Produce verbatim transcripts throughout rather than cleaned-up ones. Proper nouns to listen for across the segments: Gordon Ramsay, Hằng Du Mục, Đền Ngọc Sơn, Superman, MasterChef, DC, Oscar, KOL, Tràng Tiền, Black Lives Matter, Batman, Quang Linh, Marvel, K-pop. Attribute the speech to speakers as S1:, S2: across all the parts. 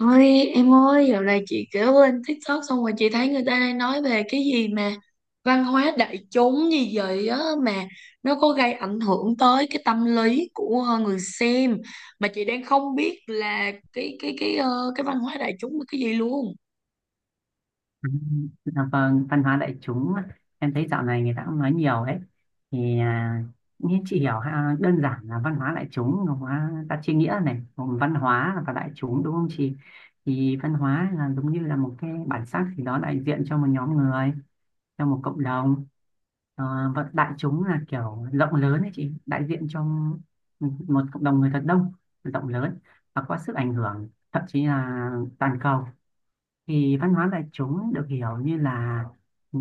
S1: Ôi em ơi, dạo này chị kiểu lên TikTok xong rồi chị thấy người ta đang nói về cái gì mà văn hóa đại chúng gì vậy á, mà nó có gây ảnh hưởng tới cái tâm lý của ờ, người xem, mà chị đang không biết là cái cái cái ờ, cái văn hóa đại chúng là cái gì luôn.
S2: Ừ, dạ vâng, văn hóa đại chúng em thấy dạo này người ta cũng nói nhiều đấy thì à, như chị hiểu ha, đơn giản là văn hóa đại chúng nó hóa ta chia nghĩa này gồm văn hóa và đại chúng, đúng không chị? Thì văn hóa là giống như là một cái bản sắc gì đó đại diện cho một nhóm người, cho một cộng đồng. Ờ, và đại chúng là kiểu rộng lớn đấy chị, đại diện cho một cộng đồng người thật đông, rộng lớn và có sức ảnh hưởng thậm chí là toàn cầu. Thì văn hóa đại chúng được hiểu như là, ừ,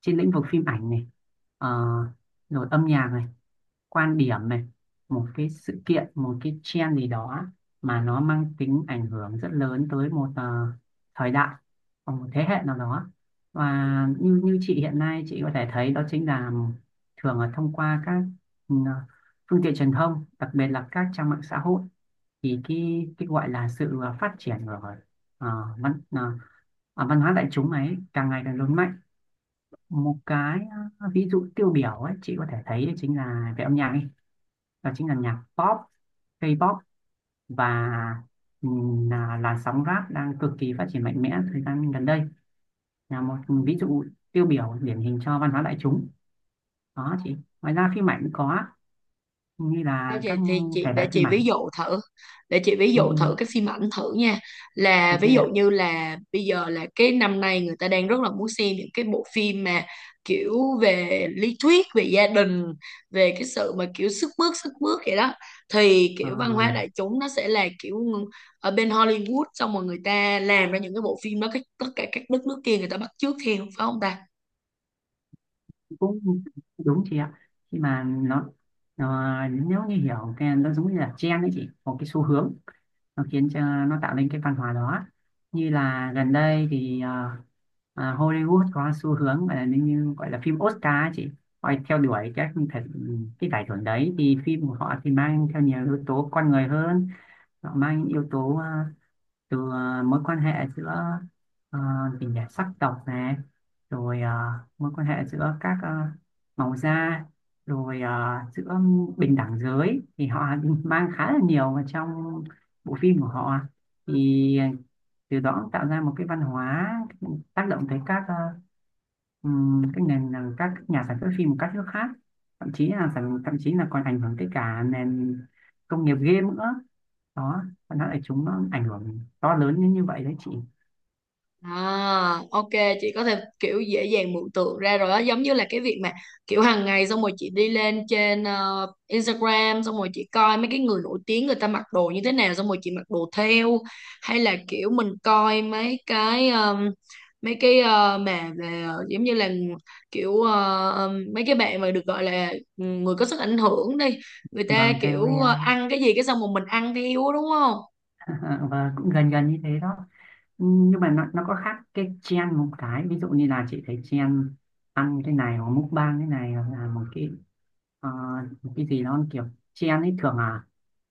S2: trên lĩnh vực phim ảnh này, ờ, rồi âm nhạc này, quan điểm này, một cái sự kiện, một cái trend gì đó mà nó mang tính ảnh hưởng rất lớn tới một ờ, thời đại hoặc một thế hệ nào đó. Và như như chị hiện nay chị có thể thấy đó chính là thường là thông qua các ừ, phương tiện truyền thông, đặc biệt là các trang mạng xã hội. Thì cái cái gọi là sự phát triển của, à, văn à, à, văn hóa đại chúng ấy càng ngày càng lớn mạnh. Một cái à, ví dụ tiêu biểu ấy chị có thể thấy đấy chính là về âm nhạc ấy, đó chính là nhạc pop, K-pop và ừm, là làn sóng rap đang cực kỳ phát triển mạnh mẽ thời gian gần đây, là một ví dụ tiêu biểu điển hình cho văn hóa đại chúng đó chị. Ngoài ra phim ảnh cũng có, như
S1: À,
S2: là
S1: chị,
S2: các
S1: thì chị
S2: thể
S1: để
S2: loại
S1: chị
S2: phim
S1: ví
S2: ảnh.
S1: dụ thử, để chị ví
S2: ừ,
S1: dụ
S2: ừ,
S1: thử cái phim ảnh thử nha. Là
S2: ok
S1: ví dụ
S2: ạ.
S1: như là bây giờ là cái năm nay người ta đang rất là muốn xem những cái bộ phim mà kiểu về lý thuyết về gia đình, về cái sự mà kiểu sức mướt sức mướt vậy đó, thì
S2: Ờ,
S1: kiểu văn hóa đại chúng nó sẽ là kiểu ở bên Hollywood xong rồi người ta làm ra những cái bộ phim đó, cái tất cả các đất nước kia người ta bắt chước theo, phải không ta?
S2: Cũng đúng chị ạ. Khi mà nó, nó nếu như hiểu cái nó giống như là trend đấy chị, một cái xu hướng nó khiến cho, nó tạo nên cái văn hóa đó. Như là gần đây thì ờ, ờ, Hollywood có xu hướng gọi là như như gọi là phim Oscar ấy chị. Họ theo đuổi các cái, cái giải thưởng đấy thì phim của họ thì mang theo nhiều yếu tố con người hơn. Họ mang những yếu tố ờ, từ ờ, mối quan hệ giữa ờ, tình cảm sắc tộc này, rồi ờ, mối quan hệ giữa các ờ, màu da, rồi ờ, giữa bình đẳng giới thì họ mang khá là nhiều vào trong bộ phim của họ. Thì từ đó cũng tạo ra một cái văn hóa tác động tới các ờ, Ừm, cái nền là các nhà sản xuất phim của các nước khác, thậm chí là sản- thậm chí là còn ảnh hưởng tới cả nền công nghiệp game nữa đó. Nó lại chúng nó ảnh hưởng to lớn như như vậy đấy chị.
S1: À, ok, chị có thể kiểu dễ dàng mường tượng ra rồi đó, giống như là cái việc mà kiểu hàng ngày xong rồi chị đi lên trên ờ, Instagram, xong rồi chị coi mấy cái người nổi tiếng người ta mặc đồ như thế nào xong rồi chị mặc đồ theo. Hay là kiểu mình coi mấy cái ờm, mấy cái ờ, mà về ờ, giống như là kiểu ờ, ờm, mấy cái bạn mà được gọi là, ừ, người có sức ảnh hưởng đi, người ta
S2: Vâng,
S1: kiểu
S2: ca o lờ
S1: ờ, ăn cái gì cái xong rồi mình ăn theo á, đúng không?
S2: và cũng gần gần như thế đó. Nhưng mà nó, nó có khác cái trend, một cái ví dụ như là chị thấy trend ăn cái này hoặc mukbang cái này hoặc là một cái, Ờ, cái gì nó kiểu chen ấy thường là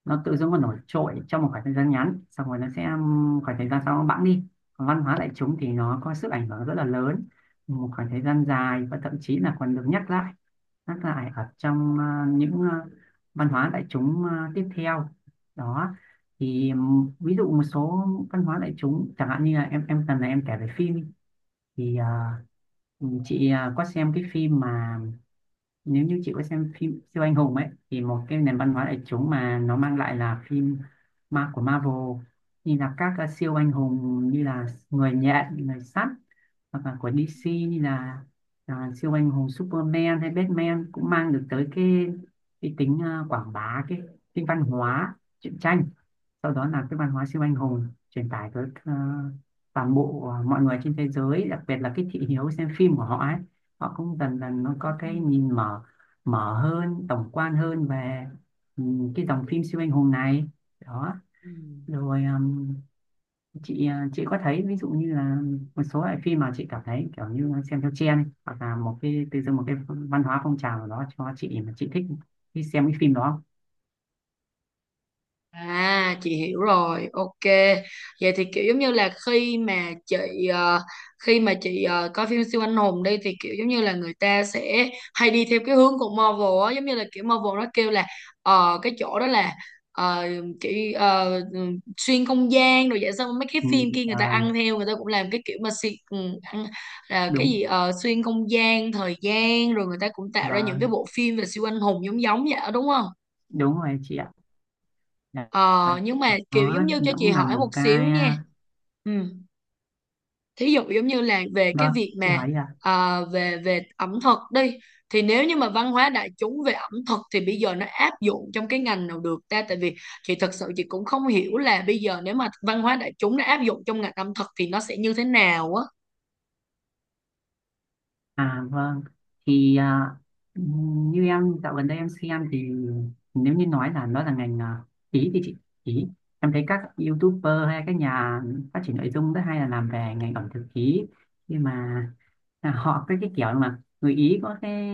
S2: nó tự dưng nó nổi trội trong một khoảng thời gian ngắn xong rồi nó sẽ, um, khoảng thời gian sau nó bẵng đi. Còn văn hóa đại chúng thì nó có sức ảnh hưởng rất là lớn một khoảng thời gian dài và thậm chí là còn được nhắc lại nhắc lại ở trong ờ, những ờ, văn hóa đại chúng ờ, tiếp theo đó. Thì um, ví dụ một số văn hóa đại chúng chẳng hạn như là em em cần là em kể về phim thì ờ, chị ờ, có xem cái phim mà, nếu như chị có xem phim siêu anh hùng ấy, thì một cái nền văn hóa đại chúng mà nó mang lại là phim ma của Marvel, như là các ờ, siêu anh hùng như là người nhện, người sắt, hoặc là của đê xê như là à, siêu anh hùng Superman hay Batman, cũng mang được tới cái cái tính ờ, quảng bá cái tính văn hóa truyện tranh. Sau đó là cái văn hóa siêu anh hùng truyền tải tới ờ, toàn bộ ờ, mọi người trên thế giới, đặc biệt là cái thị hiếu xem phim của họ ấy, họ cũng dần dần nó
S1: Ừ.
S2: có cái nhìn mở, mở hơn tổng quan hơn về ừ, cái dòng phim siêu anh hùng này đó.
S1: Ừ.
S2: Rồi ừm, chị ờ, chị có thấy ví dụ như là một số loại phim mà chị cảm thấy kiểu như xem theo trend ấy, hoặc là một cái từ dưng một cái văn hóa phong trào nào đó cho chị mà chị thích đi xem cái phim đó không?
S1: À chị hiểu rồi, ok. Vậy thì kiểu giống như là khi mà chị ờ, khi mà chị ờ, coi phim siêu anh hùng đi, thì kiểu giống như là người ta sẽ hay đi theo cái hướng của Marvel á, giống như là kiểu Marvel nó kêu là ờ, cái chỗ đó là, ờ, kiểu ờ, ừ, xuyên không gian rồi vậy, xong mấy cái
S2: Ừ,
S1: phim kia người ta
S2: à,
S1: ăn theo, người ta cũng làm cái kiểu mà xuyên, ừ, ăn, là cái
S2: đúng,
S1: gì ờ, xuyên không gian, thời gian, rồi người ta cũng tạo ra
S2: và
S1: những cái bộ phim về siêu anh hùng giống giống vậy đó, đúng không?
S2: đúng rồi chị ạ.
S1: Ờ, nhưng mà kiểu
S2: Đó
S1: giống như
S2: thì
S1: cho
S2: nó
S1: chị
S2: cũng là
S1: hỏi
S2: một
S1: một xíu
S2: cái,
S1: nha.
S2: à,
S1: Ừ. Thí dụ giống như là về cái
S2: vâng
S1: việc
S2: chị
S1: mà
S2: hỏi đi ạ.
S1: à, về về ẩm thực đi, thì nếu như mà văn hóa đại chúng về ẩm thực thì bây giờ nó áp dụng trong cái ngành nào được ta, tại vì chị thật sự chị cũng không hiểu là bây giờ nếu mà văn hóa đại chúng nó áp dụng trong ngành ẩm thực thì nó sẽ như thế nào á.
S2: À vâng, thì à, như em dạo gần đây em xem thì nếu như nói là nó là ngành à, ý thì chị ý, em thấy các YouTuber hay các nhà phát triển nội dung rất hay là làm về ngành ẩm thực ý. Nhưng mà à, họ cái cái kiểu mà người Ý có cái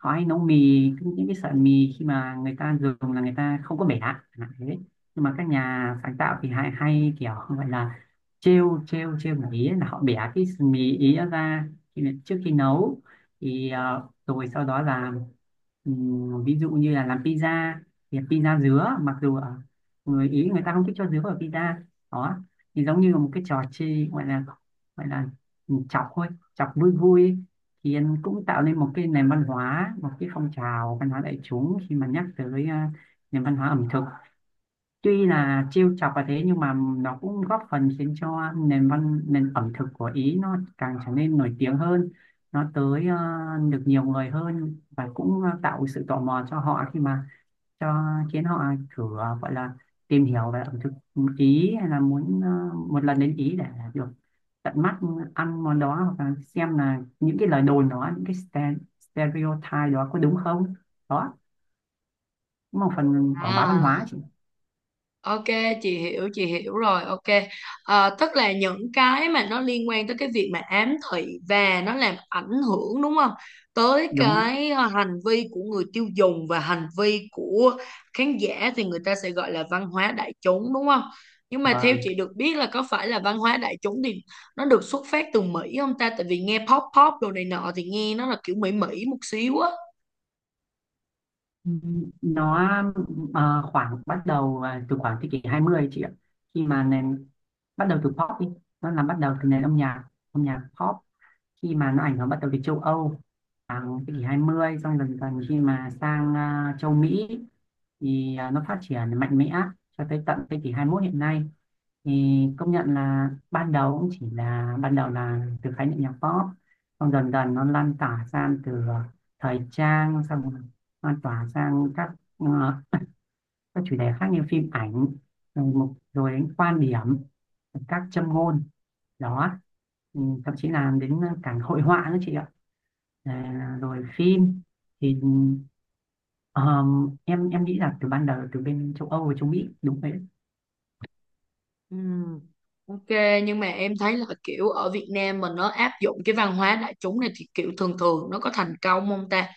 S2: họ hay nấu mì, những cái sợi mì khi mà người ta dùng là người ta không có bẻ chẳng hạn thế. Nhưng mà các nhà sáng tạo thì hay hay kiểu gọi là trêu trêu trêu người Ý ấy, là họ bẻ cái mì Ý ra khi trước khi nấu. Thì ờ, rồi sau đó là, ừm, ví dụ như là làm pizza thì pizza dứa, mặc dù ở người Ý người ta không thích cho dứa vào pizza đó. Thì giống như là một cái trò chơi gọi là, gọi là chọc thôi, chọc vui vui ấy. Thì em cũng tạo nên một cái nền văn hóa, một cái phong trào văn hóa đại chúng khi mà nhắc tới ờ, nền văn hóa ẩm thực. Tuy là trêu chọc và thế nhưng mà nó cũng góp phần khiến cho nền văn nền ẩm thực của Ý nó càng trở nên nổi tiếng hơn, nó tới ờ, được nhiều người hơn, và cũng ờ, tạo sự tò mò cho họ khi mà cho khiến họ thử ờ, gọi là tìm hiểu về ẩm thực Ý, hay là muốn ờ, một lần đến Ý để được tận mắt ăn món đó, hoặc là xem là những cái lời đồn đó, những cái ste- stereotype đó có đúng không. Đó cũng là một phần quảng bá văn
S1: À.
S2: hóa chị.
S1: Ok, chị hiểu, chị hiểu rồi, ok. Ờ, tức là những cái mà nó liên quan tới cái việc mà ám thị và nó làm ảnh hưởng đúng không? Tới
S2: Đúng đấy.
S1: cái ờ, hành vi của người tiêu dùng và hành vi của khán giả thì người ta sẽ gọi là văn hóa đại chúng đúng không? Nhưng mà theo
S2: Vâng,
S1: chị được biết là có phải là văn hóa đại chúng thì nó được xuất phát từ Mỹ không ta? Tại vì nghe pop pop đồ này nọ thì nghe nó là kiểu Mỹ Mỹ một xíu á.
S2: nó ờ, khoảng bắt đầu ờ, từ khoảng thế kỷ hai mươi chị ạ, khi mà nền, bắt đầu từ pop đi, nó là bắt đầu từ nền âm nhạc âm nhạc pop. Khi mà nó ảnh hưởng bắt đầu từ châu Âu khoảng thế kỷ hai mươi, xong dần dần khi mà sang ờ, châu Mỹ thì ờ, nó phát triển mạnh mẽ cho tới tận thế kỷ hai mươi mốt hiện nay. Thì công nhận là ban đầu cũng chỉ là, ban đầu là từ khái niệm nhạc pop, xong dần dần nó lan tỏa sang từ ờ, thời trang, xong lan tỏa sang các ờ, các chủ đề khác như phim ảnh, rồi một rồi đến quan điểm, các châm ngôn đó. Ừ, thậm chí là đến cả hội họa nữa chị ạ. À, rồi phim thì ờm, em em nghĩ là từ ban đầu từ bên châu Âu và châu Mỹ đúng vậy.
S1: Ừ. Ok, nhưng mà em thấy là kiểu ở Việt Nam mình nó áp dụng cái văn hóa đại chúng này thì kiểu thường thường nó có thành công không ta?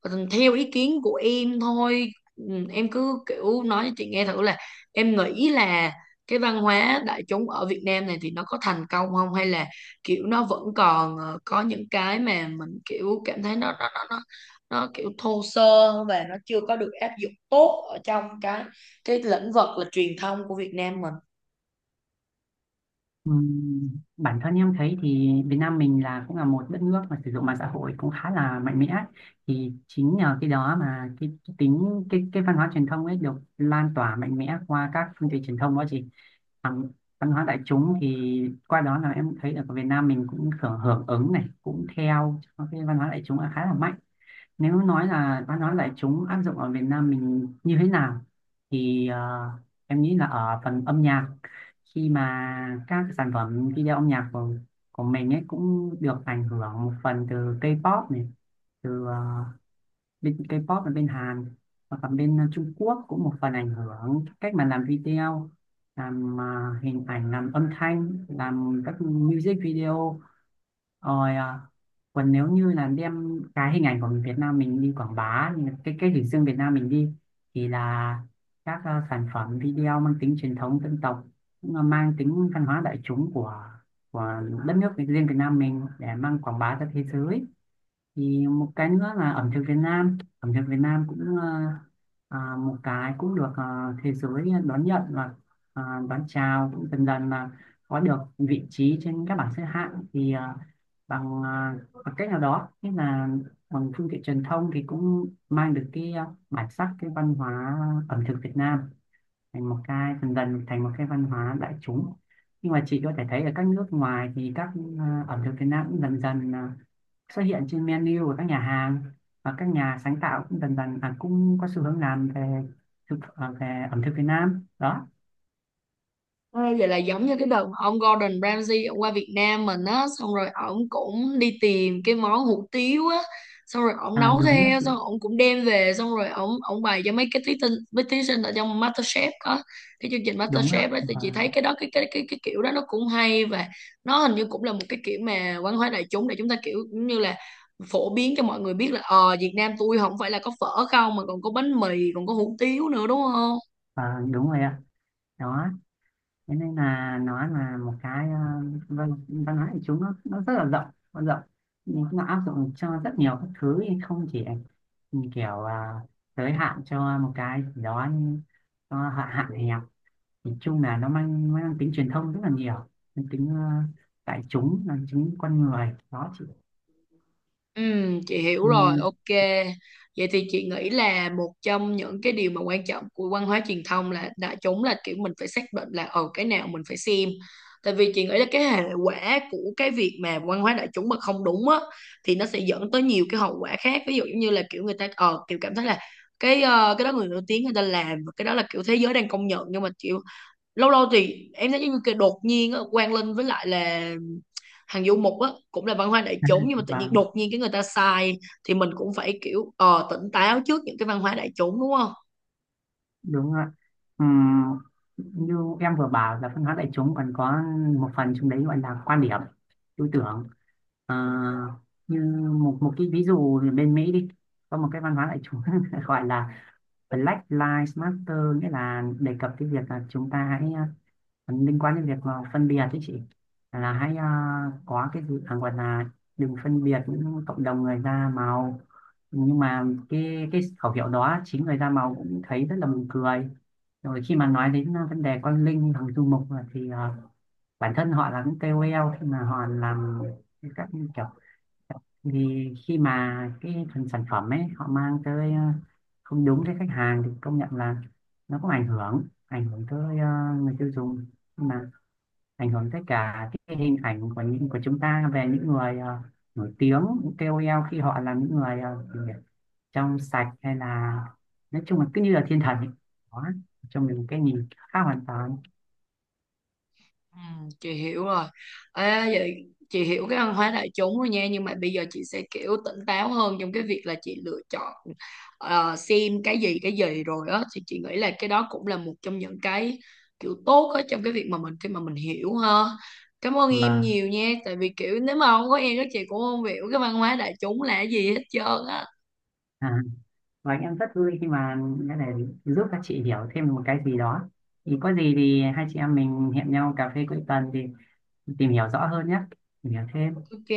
S1: Còn theo ý kiến của em thôi, ừ, em cứ kiểu nói cho chị nghe thử là em nghĩ là cái văn hóa đại chúng ở Việt Nam này thì nó có thành công không, hay là kiểu nó vẫn còn ờ, có những cái mà mình kiểu cảm thấy nó nó nó nó, nó kiểu thô sơ và nó chưa có được áp dụng tốt ở trong cái cái lĩnh vực là truyền thông của Việt Nam mình.
S2: Ừm, Bản thân em thấy thì Việt Nam mình là cũng là một đất nước mà sử dụng mạng xã hội cũng khá là mạnh mẽ. Thì chính nhờ cái đó mà cái tính cái cái văn hóa truyền thông ấy được lan tỏa mạnh mẽ qua các phương tiện truyền thông đó chị. Bằng văn hóa đại chúng thì qua đó là em thấy là Việt Nam mình cũng hưởng hưởng ứng này, cũng theo cái văn hóa đại chúng là khá là mạnh. Nếu nói là văn hóa đại chúng áp dụng ở Việt Nam mình như thế nào thì ờ, em nghĩ là ở phần âm nhạc, khi mà các sản phẩm video âm nhạc của, của mình ấy cũng được ảnh hưởng một phần từ K-pop này, từ ờ, bên K-pop là bên Hàn, và cả bên Trung Quốc cũng một phần ảnh hưởng cách mà làm video, làm ờ, hình ảnh, làm âm thanh, làm các music video. Rồi, à, còn nếu như là đem cái hình ảnh của Việt Nam mình đi quảng bá, cái cái hình dương Việt Nam mình đi thì là các à, sản phẩm video mang tính truyền thống dân tộc cũng là mang tính văn hóa đại chúng của của đất nước riêng Việt Nam mình để mang quảng bá ra thế giới. Thì một cái nữa là ẩm thực Việt Nam, ẩm thực Việt Nam cũng ờ, à, một cái cũng được ờ, thế giới đón nhận và ờ, đón chào, cũng dần dần là có được vị trí trên các bảng xếp hạng thì ờ, bằng, ờ, bằng cách nào đó, như là bằng phương tiện truyền thông thì cũng mang được cái ờ, bản sắc, cái văn hóa ẩm thực Việt Nam thành một cái, dần dần thành một cái văn hóa đại chúng. Nhưng mà chị có thể thấy ở các nước ngoài thì các ờ, ẩm thực Việt Nam cũng dần dần ờ, xuất hiện trên menu của các nhà hàng, và các nhà sáng tạo cũng dần dần à, cũng có xu hướng làm về thực à, về ẩm thực Việt Nam đó.
S1: Ê, vậy là giống như cái đợt mà ông Gordon Ramsay ông qua Việt Nam mình á, xong rồi ổng cũng đi tìm cái món hủ tiếu á, xong rồi ổng
S2: À,
S1: nấu
S2: đúng đấy
S1: theo,
S2: chị.
S1: xong ổng cũng đem về, xong rồi ổng ổng bày cho mấy cái thí sinh, mấy thí sinh ở trong MasterChef á, cái chương trình
S2: Đúng
S1: MasterChef
S2: ạ,
S1: đó, thì
S2: và,
S1: chị thấy cái đó cái cái cái cái kiểu đó nó cũng hay, và nó hình như cũng là một cái kiểu mà văn hóa đại chúng để chúng ta kiểu cũng như là phổ biến cho mọi người biết là ờ Việt Nam tôi không phải là có phở không, mà còn có bánh mì, còn có hủ tiếu nữa, đúng không?
S2: và đúng rồi ạ. Đó thế nên là nó là một cái, à, văn văn hóa của chúng nó, nó rất là rộng, nó rộng nhưng nó áp dụng cho rất nhiều các thứ, không chỉ ừ, kiểu à, giới hạn cho một cái gì đó như- nó hạn hạn hẹp. Nhìn chung là nó mang mang tính truyền thông rất là nhiều, mang tính ờ, đại chúng, mang tính con người đó chị.
S1: Ừ, chị hiểu rồi,
S2: Ừm,
S1: ok. Vậy thì chị nghĩ là một trong những cái điều mà quan trọng của văn hóa truyền thông là đại chúng là kiểu mình phải xác định là ờ cái nào mình phải xem. Tại vì chị nghĩ là cái hệ quả của cái việc mà văn hóa đại chúng mà không đúng á thì nó sẽ dẫn tới nhiều cái hậu quả khác. Ví dụ giống như là kiểu người ta ờ kiểu cảm thấy là cái ờ, cái đó người nổi tiếng người ta làm và cái đó là kiểu thế giới đang công nhận, nhưng mà kiểu lâu lâu thì em thấy giống như cái đột nhiên á, Quang Linh với lại là Hằng Du Mục á cũng là văn hóa đại chúng, nhưng mà tự nhiên
S2: và
S1: đột nhiên cái người ta sai, thì mình cũng phải kiểu ờ, tỉnh táo trước những cái văn hóa đại chúng đúng không?
S2: đúng rồi ạ. Ừm, Như em vừa bảo là văn hóa đại chúng còn có một phần trong đấy gọi là quan điểm, tư tưởng. Ờ, Như một một cái ví dụ thì bên Mỹ đi, có một cái văn hóa đại chúng gọi là Black Lives Matter, nghĩa là đề cập cái việc là chúng ta hãy liên quan đến việc mà phân biệt ấy chị, là hãy à, có cái dự à, gọi là đừng phân biệt những cộng đồng người da màu. Nhưng mà cái cái khẩu hiệu đó chính người da màu cũng thấy rất là buồn cười. Rồi khi mà nói đến à, vấn đề con Linh, thằng Du Mục, à, thì à, bản thân họ là những ca o lờ, khi mà họ làm các kiểu thì khi mà cái phần sản phẩm ấy họ mang tới à, không đúng với khách hàng, thì công nhận là nó cũng ảnh hưởng ảnh hưởng tới à, người tiêu dùng. Nhưng mà ảnh hưởng tới cả cái hình ảnh của những của chúng ta về những người ờ, nổi tiếng, những ca o lờ, khi họ là những người ờ, gì nhỉ, trong sạch, hay là nói chung là cứ như là thiên thần ấy. Đó, cho mình một cái nhìn khác hoàn toàn.
S1: Ừ, chị hiểu rồi. Ê, vậy chị hiểu cái văn hóa đại chúng rồi nha, nhưng mà bây giờ chị sẽ kiểu tỉnh táo hơn trong cái việc là chị lựa chọn ờ, xem cái gì cái gì rồi á, thì chị nghĩ là cái đó cũng là một trong những cái kiểu tốt á trong cái việc mà mình khi mà mình hiểu ha. Cảm ơn em
S2: và
S1: nhiều nha, tại vì kiểu nếu mà không có em các chị cũng không hiểu cái văn hóa đại chúng là cái gì hết trơn á.
S2: à, và em rất vui khi mà cái này giúp các chị hiểu thêm một cái gì đó. Thì có gì thì hai chị em mình hẹn nhau cà phê cuối tuần thì tìm hiểu rõ hơn nhé, tìm hiểu thêm.
S1: Ok.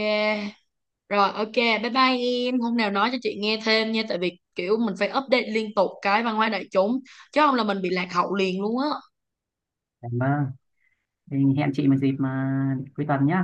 S1: Rồi ok, bye bye em. Hôm nào nói cho chị nghe thêm nha, tại vì kiểu mình phải update liên tục cái văn hóa đại chúng chứ không là mình bị lạc hậu liền luôn á.
S2: Cảm ơn. Mình hẹn chị một dịp mà cuối tuần nhé.